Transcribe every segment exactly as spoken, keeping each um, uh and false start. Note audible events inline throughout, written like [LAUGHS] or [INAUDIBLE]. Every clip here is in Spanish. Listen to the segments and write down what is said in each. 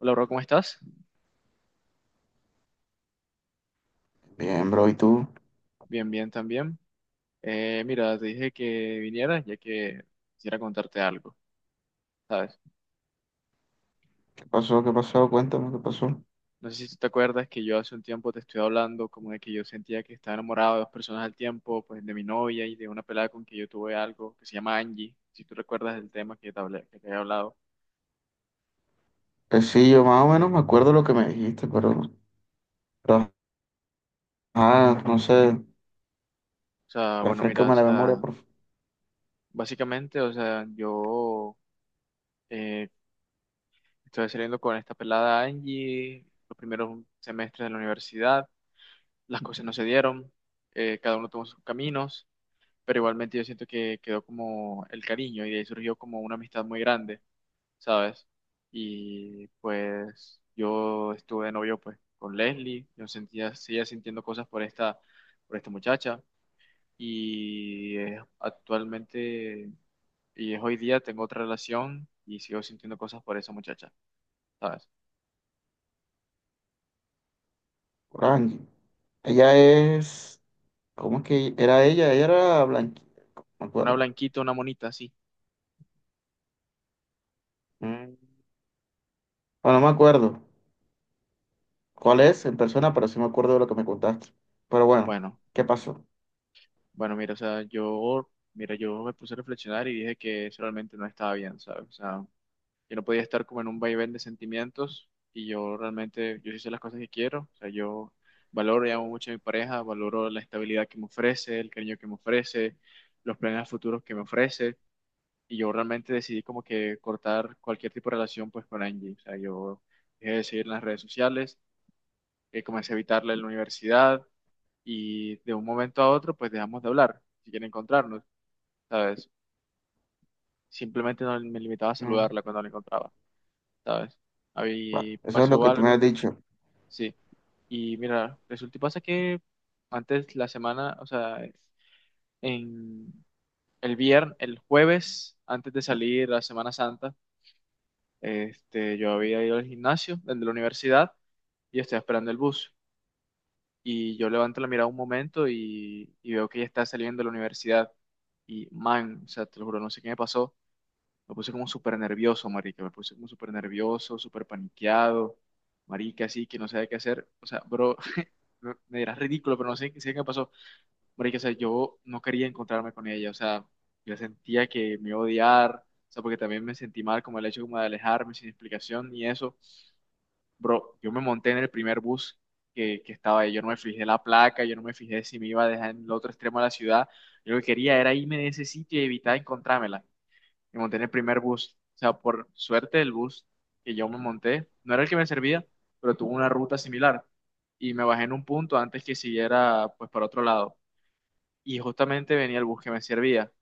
Hola, bro, ¿cómo estás? Bien, bro, ¿y tú? Bien, bien también. Eh, mira, te dije que vinieras ya que quisiera contarte algo, ¿sabes? ¿Qué pasó? ¿Qué pasó? Cuéntame, ¿qué pasó? No sé si tú te acuerdas que yo hace un tiempo te estoy hablando como de que yo sentía que estaba enamorado de dos personas al tiempo, pues de mi novia y de una pelada con que yo tuve algo que se llama Angie, si tú recuerdas el tema que te hablé, que te he hablado. Pues sí, yo más o menos me acuerdo lo que me dijiste, pero, pero, ajá, no sé, O sea, bueno, mira, o refrescame la memoria, sea, por básicamente, o sea, yo eh, estoy saliendo con esta pelada Angie los primeros semestres de la universidad. Las cosas no se dieron, eh, cada uno tomó sus caminos, pero igualmente yo siento que quedó como el cariño y de ahí surgió como una amistad muy grande, ¿sabes? Y pues yo estuve de novio pues con Leslie. Yo sentía, seguía sintiendo cosas por esta, por esta muchacha y eh, actualmente, y es hoy día, tengo otra relación y sigo sintiendo cosas por esa muchacha, ¿sabes? favor, Angie. Ella es, ¿cómo es que era ella? Ella era blanquita, me Una acuerdo. blanquita, una monita, sí. Mm. Bueno, no me acuerdo cuál es en persona, pero sí me acuerdo de lo que me contaste. Pero bueno, Bueno. ¿qué pasó? Bueno, mira, o sea, yo, mira, yo me puse a reflexionar y dije que eso realmente no estaba bien, ¿sabes? O sea, yo no podía estar como en un vaivén de sentimientos y yo realmente, yo hice las cosas que quiero. O sea, yo valoro y amo mucho a mi pareja, valoro la estabilidad que me ofrece, el cariño que me ofrece, los planes futuros que me ofrece y yo realmente decidí como que cortar cualquier tipo de relación pues con Angie. O sea, yo dejé de seguir en las redes sociales, eh, comencé a evitarla en la universidad y de un momento a otro pues dejamos de hablar, si quieren encontrarnos. ¿Sabes? Simplemente no me limitaba a Mm. saludarla cuando la encontraba, ¿sabes? Bueno, Ahí eso es lo pasó que tú me has algo, dicho. sí. Y mira, resulta y pasa que antes la semana, o sea, en el viernes, el jueves, antes de salir la Semana Santa, este, yo había ido al gimnasio desde la universidad y estaba esperando el bus. Y yo levanto la mirada un momento y, y veo que ella está saliendo de la universidad. Y man, o sea, te lo juro, no sé qué me pasó. Me puse como súper nervioso, marica. Me puse como súper nervioso, súper paniqueado. Marica, así que no sabía qué hacer. O sea, bro, [LAUGHS] no- me dirás ridículo, pero no sé, sé qué pasó. Marica, o sea, yo no quería encontrarme con ella. O sea, yo sentía que me iba a odiar. O sea, porque también me sentí mal como el hecho como de alejarme sin explicación ni eso. Bro, yo me monté en el primer bus que, que estaba ahí. Yo no me fijé la placa, yo no me fijé si me iba a dejar en el otro extremo de la ciudad. Yo lo que quería era irme de ese sitio y evitar encontrármela. Me monté en el primer bus. O sea, por suerte el bus que yo me monté no era el que me servía, pero tuvo una ruta similar. Y me bajé en un punto antes que siguiera pues para otro lado. Y justamente venía el bus que me servía.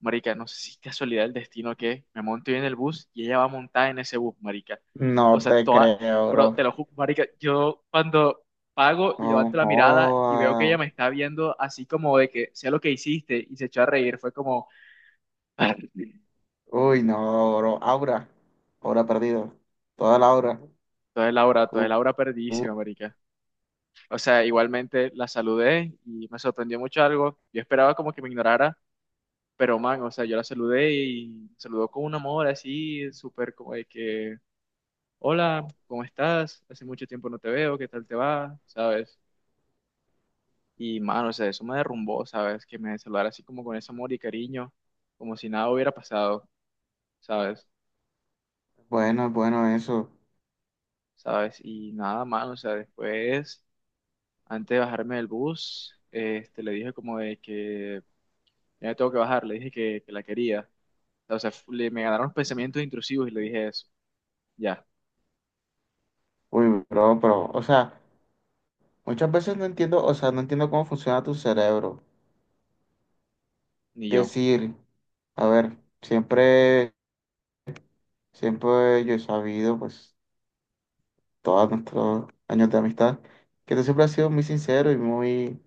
Marica, no sé si es casualidad el destino que me monté en el bus y ella va montada en ese bus, marica. No O sea, te toda, creo, bro. bro, te lo juro, marica, yo cuando pago y No levanto la mirada y veo que ella jodas. me está viendo así como de que sea lo que hiciste y se echó a reír, fue como… [LAUGHS] Uy, no, bro. Aura. Aura perdida. Toda la aura. Entonces Laura, entonces Uh, Laura uh, perdísima, marica. O sea, igualmente la saludé y me sorprendió mucho algo. Yo esperaba como que me ignorara, pero man, o sea, yo la saludé y me saludó con un amor así, súper como de que, hola, ¿cómo estás? Hace mucho tiempo no te veo, ¿qué tal te va? ¿Sabes? Y man, o sea, eso me derrumbó, ¿sabes? Que me saludara así como con ese amor y cariño, como si nada hubiera pasado, ¿sabes? bueno, bueno, eso. ¿Sabes? Y nada, man, o sea, después, antes de bajarme del bus, este, le dije como de que ya me tengo que bajar, le dije que, que la quería. O sea, fu- le, me ganaron pensamientos intrusivos y le dije eso. Ya, Uy, bro, pero, o sea, muchas veces no entiendo, o sea, no entiendo cómo funciona tu cerebro. ni yo. Decir, a ver, siempre, siempre yo he sabido, pues, todos nuestros años de amistad, que tú siempre has sido muy sincero y muy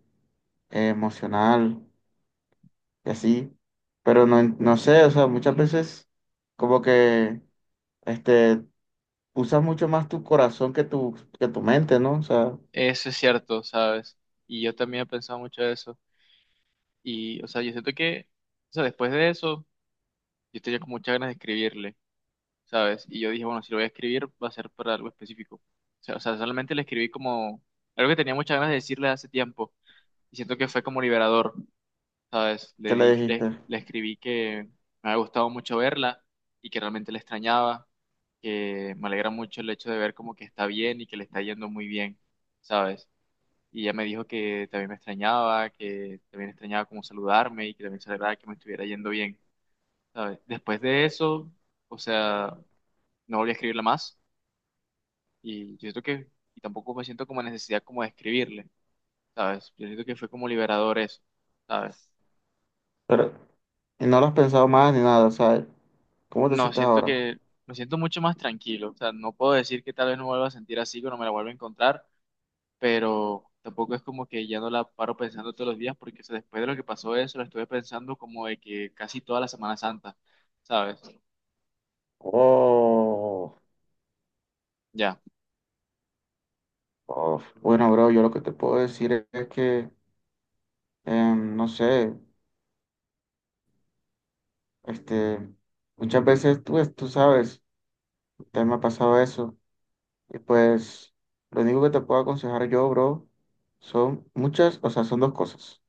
eh, emocional y así. Pero no, en- no sé, o sea, muchas veces como que, este, usas mucho más tu corazón que tu, que tu mente, ¿no? O sea, Eso es cierto, ¿sabes? Y yo también he pensado mucho de eso. Y, o sea, yo siento que, o sea, después de eso, yo tenía como muchas ganas de escribirle, ¿sabes? Y yo dije, bueno, si lo voy a escribir, va a ser para algo específico. O sea, o sea, solamente le escribí como algo que tenía muchas ganas de decirle hace tiempo. Y siento que fue como liberador. ¿Sabes? Le ¿qué di, le le, dijiste? le escribí que me había gustado mucho verla y que realmente la extrañaba, que me alegra mucho el hecho de ver como que está bien y que le está yendo muy bien, ¿sabes? Y ella me dijo que también me extrañaba, que también extrañaba como saludarme y que también se alegraba que me estuviera yendo bien, ¿sabes? Después de eso, o sea, no volví a escribirla más y yo siento que, y tampoco me siento como necesidad como de escribirle, ¿sabes? Yo siento que fue como liberador eso, ¿sabes? Pero, y no lo has pensado más ni nada, o sea, ¿cómo te No, sientes siento ahora? que me siento mucho más tranquilo. O sea, no puedo decir que tal vez no me vuelva a sentir así, que no me la vuelva a encontrar, pero tampoco es como que ya no la paro pensando todos los días, porque o sea, después de lo que pasó eso, la estuve pensando como de que casi toda la Semana Santa, ¿sabes? Oh, Ya. oh, bueno, bro, yo lo que te puedo decir es que, em, no sé, este, muchas veces tú, tú sabes, te me ha pasado eso, y pues lo único que te puedo aconsejar yo, bro, son muchas, o sea, son dos cosas,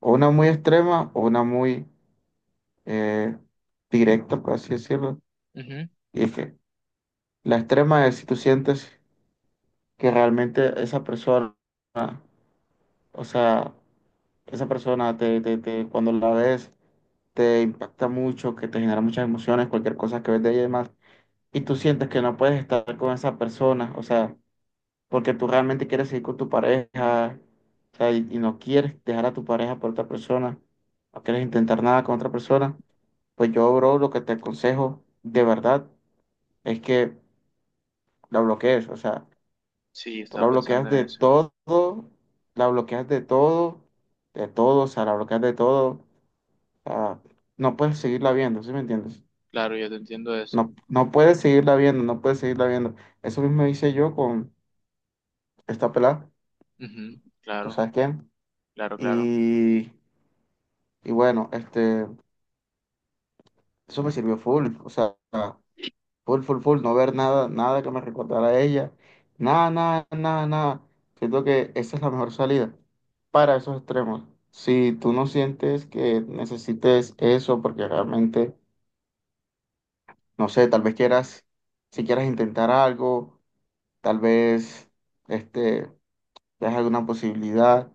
o una muy extrema o una muy eh, directa, por así decirlo. Ujú. Y es que la extrema es si tú sientes que realmente esa persona, o sea, esa persona te, te, te- cuando la ves te impacta mucho, que te genera muchas emociones, cualquier cosa que ves de ella y demás, y tú sientes que no puedes estar con esa persona, o sea, porque tú realmente quieres seguir con tu pareja, o sea, y, y no quieres dejar a tu pareja por otra persona, no quieres intentar nada con otra persona, pues yo, bro, lo que te aconsejo de verdad es que la bloquees, o sea. Sí, Tú estaba la pensando bloqueas en de eso. todo, la bloqueas de todo, de todo, o sea, la bloqueas de todo, o no puedes seguirla viendo, ¿sí me entiendes? Claro, yo te entiendo eso. No, no puedes seguirla viendo, no puedes seguirla viendo. Eso mismo hice yo con esta pelada, Ujú. ¿tú Claro, sabes quién? claro, claro. Y, y bueno, este, eso me sirvió full, o sea, full, full, full, no ver nada, nada que me recordara a ella. Nada, nada, nada, nada. Siento que esa es la mejor salida para esos extremos. Si tú no sientes que necesites eso, porque realmente, no sé, tal vez quieras, si quieras intentar algo, tal vez, este, veas alguna posibilidad,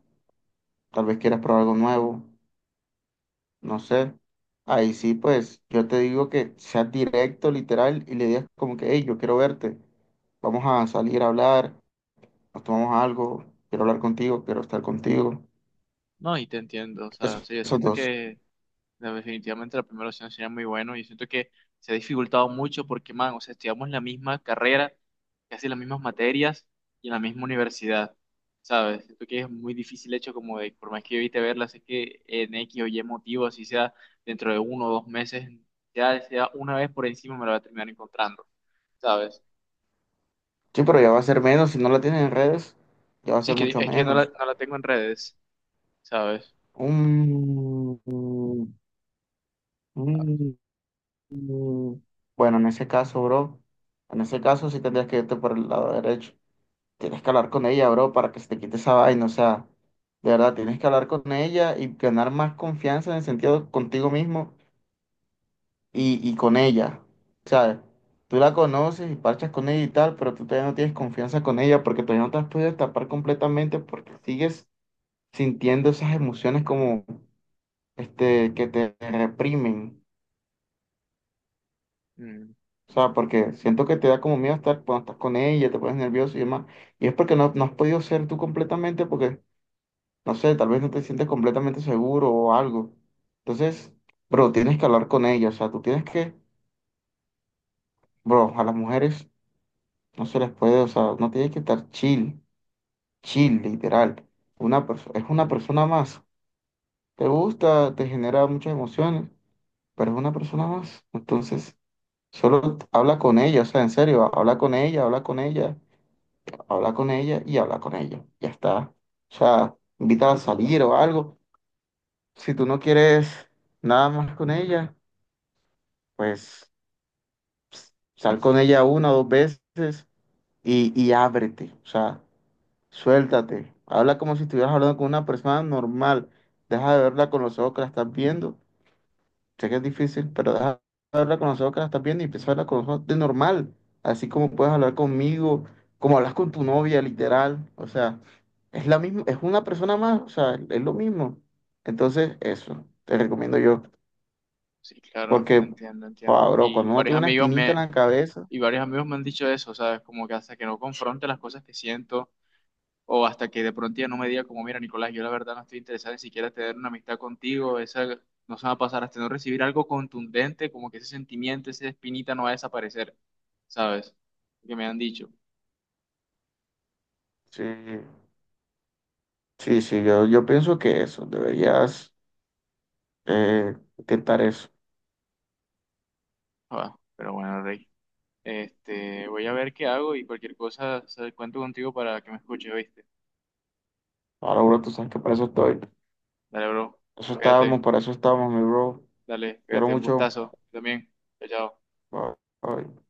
tal vez quieras probar algo nuevo, no sé. Ahí sí, pues, yo te digo que seas directo, literal, y le digas como que, hey, yo quiero verte, vamos a salir a hablar, nos tomamos algo, quiero hablar contigo, quiero estar contigo. No, y te entiendo. O sea, o Eso- sea, yo esos siento dos. que no, definitivamente la primera opción sería muy bueno y siento que se ha dificultado mucho porque, man, o sea, estudiamos la misma carrera, casi las mismas materias y en la misma universidad, ¿sabes? Siento que es muy difícil hecho como de, por más que yo evite verlas, es que en X o Y motivo, así sea dentro de uno o dos meses, ya sea una vez por encima me la voy a terminar encontrando, ¿sabes? Sí, pero ya va a ser menos. Si no la tienen en redes, ya va a Sí, es ser que, mucho es que no la, menos. no la tengo en redes, ¿sabes? Mm, mm, mm. Bueno, en ese caso, bro, en ese caso sí tendrías que irte por el lado derecho. Tienes que hablar con ella, bro, para que se te quite esa vaina. O sea, de verdad, tienes que hablar con ella y ganar más confianza en el sentido contigo mismo y, y con ella. ¿Sabes? Tú la conoces y parchas con ella y tal, pero tú todavía no tienes confianza con ella porque todavía no te has podido tapar completamente porque sigues sintiendo esas emociones como este que te reprimen. Mm, O sea, porque siento que te da como miedo estar cuando estás con ella, te pones nervioso y demás. Y es porque no, no has podido ser tú completamente porque, no sé, tal vez no te sientes completamente seguro o algo. Entonces, bro, tienes que hablar con ella. O sea, tú tienes que, bro, a las mujeres. No se les puede, o sea, no tiene que estar chill, chill, literal. Una persona, es una persona más. Te gusta, te genera muchas emociones, pero es una persona más. Entonces, solo habla con ella, o sea, en serio, habla con ella, habla con ella, habla con ella y habla con ella. Ya está. O sea, invítala a salir o algo. Si tú no quieres nada más con ella, pues sal con ella una o dos veces y, y ábrete. O sea, suéltate. Habla como si estuvieras hablando con una persona normal. Deja de verla con los ojos que la estás viendo. Sé que es difícil, pero deja de verla con los ojos que la estás viendo y empieza a hablar con los ojos de normal. Así como puedes hablar conmigo, como hablas con tu novia, literal. O sea, es la misma, es una persona más, o sea, es lo mismo. Entonces, eso, te recomiendo yo. sí, claro, Porque, entiendo, joda, entiendo. bro, Y cuando uno varios tiene una amigos espinita en me, la cabeza, Y varios amigos me han dicho eso, ¿sabes? Como que hasta que no confronte las cosas que siento o hasta que de pronto ya no me diga como, mira, Nicolás, yo la verdad no estoy interesado ni siquiera en tener una amistad contigo, esa no se va a pasar hasta no recibir algo contundente, como que ese sentimiento, esa espinita no va a desaparecer, ¿sabes? Que me han dicho. sí, sí, sí, yo, yo pienso que eso, deberías eh, intentar eso. Ah, pero bueno, Rey, este, voy a ver qué hago y cualquier cosa, ¿sabes? Cuento contigo para que me escuches, ¿viste? Ahora, bro, tú sabes que para eso estoy. Dale, bro, Eso fíjate, estábamos, para eso estábamos, mi bro. dale, Quiero fíjate, un mucho. gustazo, también, chao. Chao. Bye. Bye.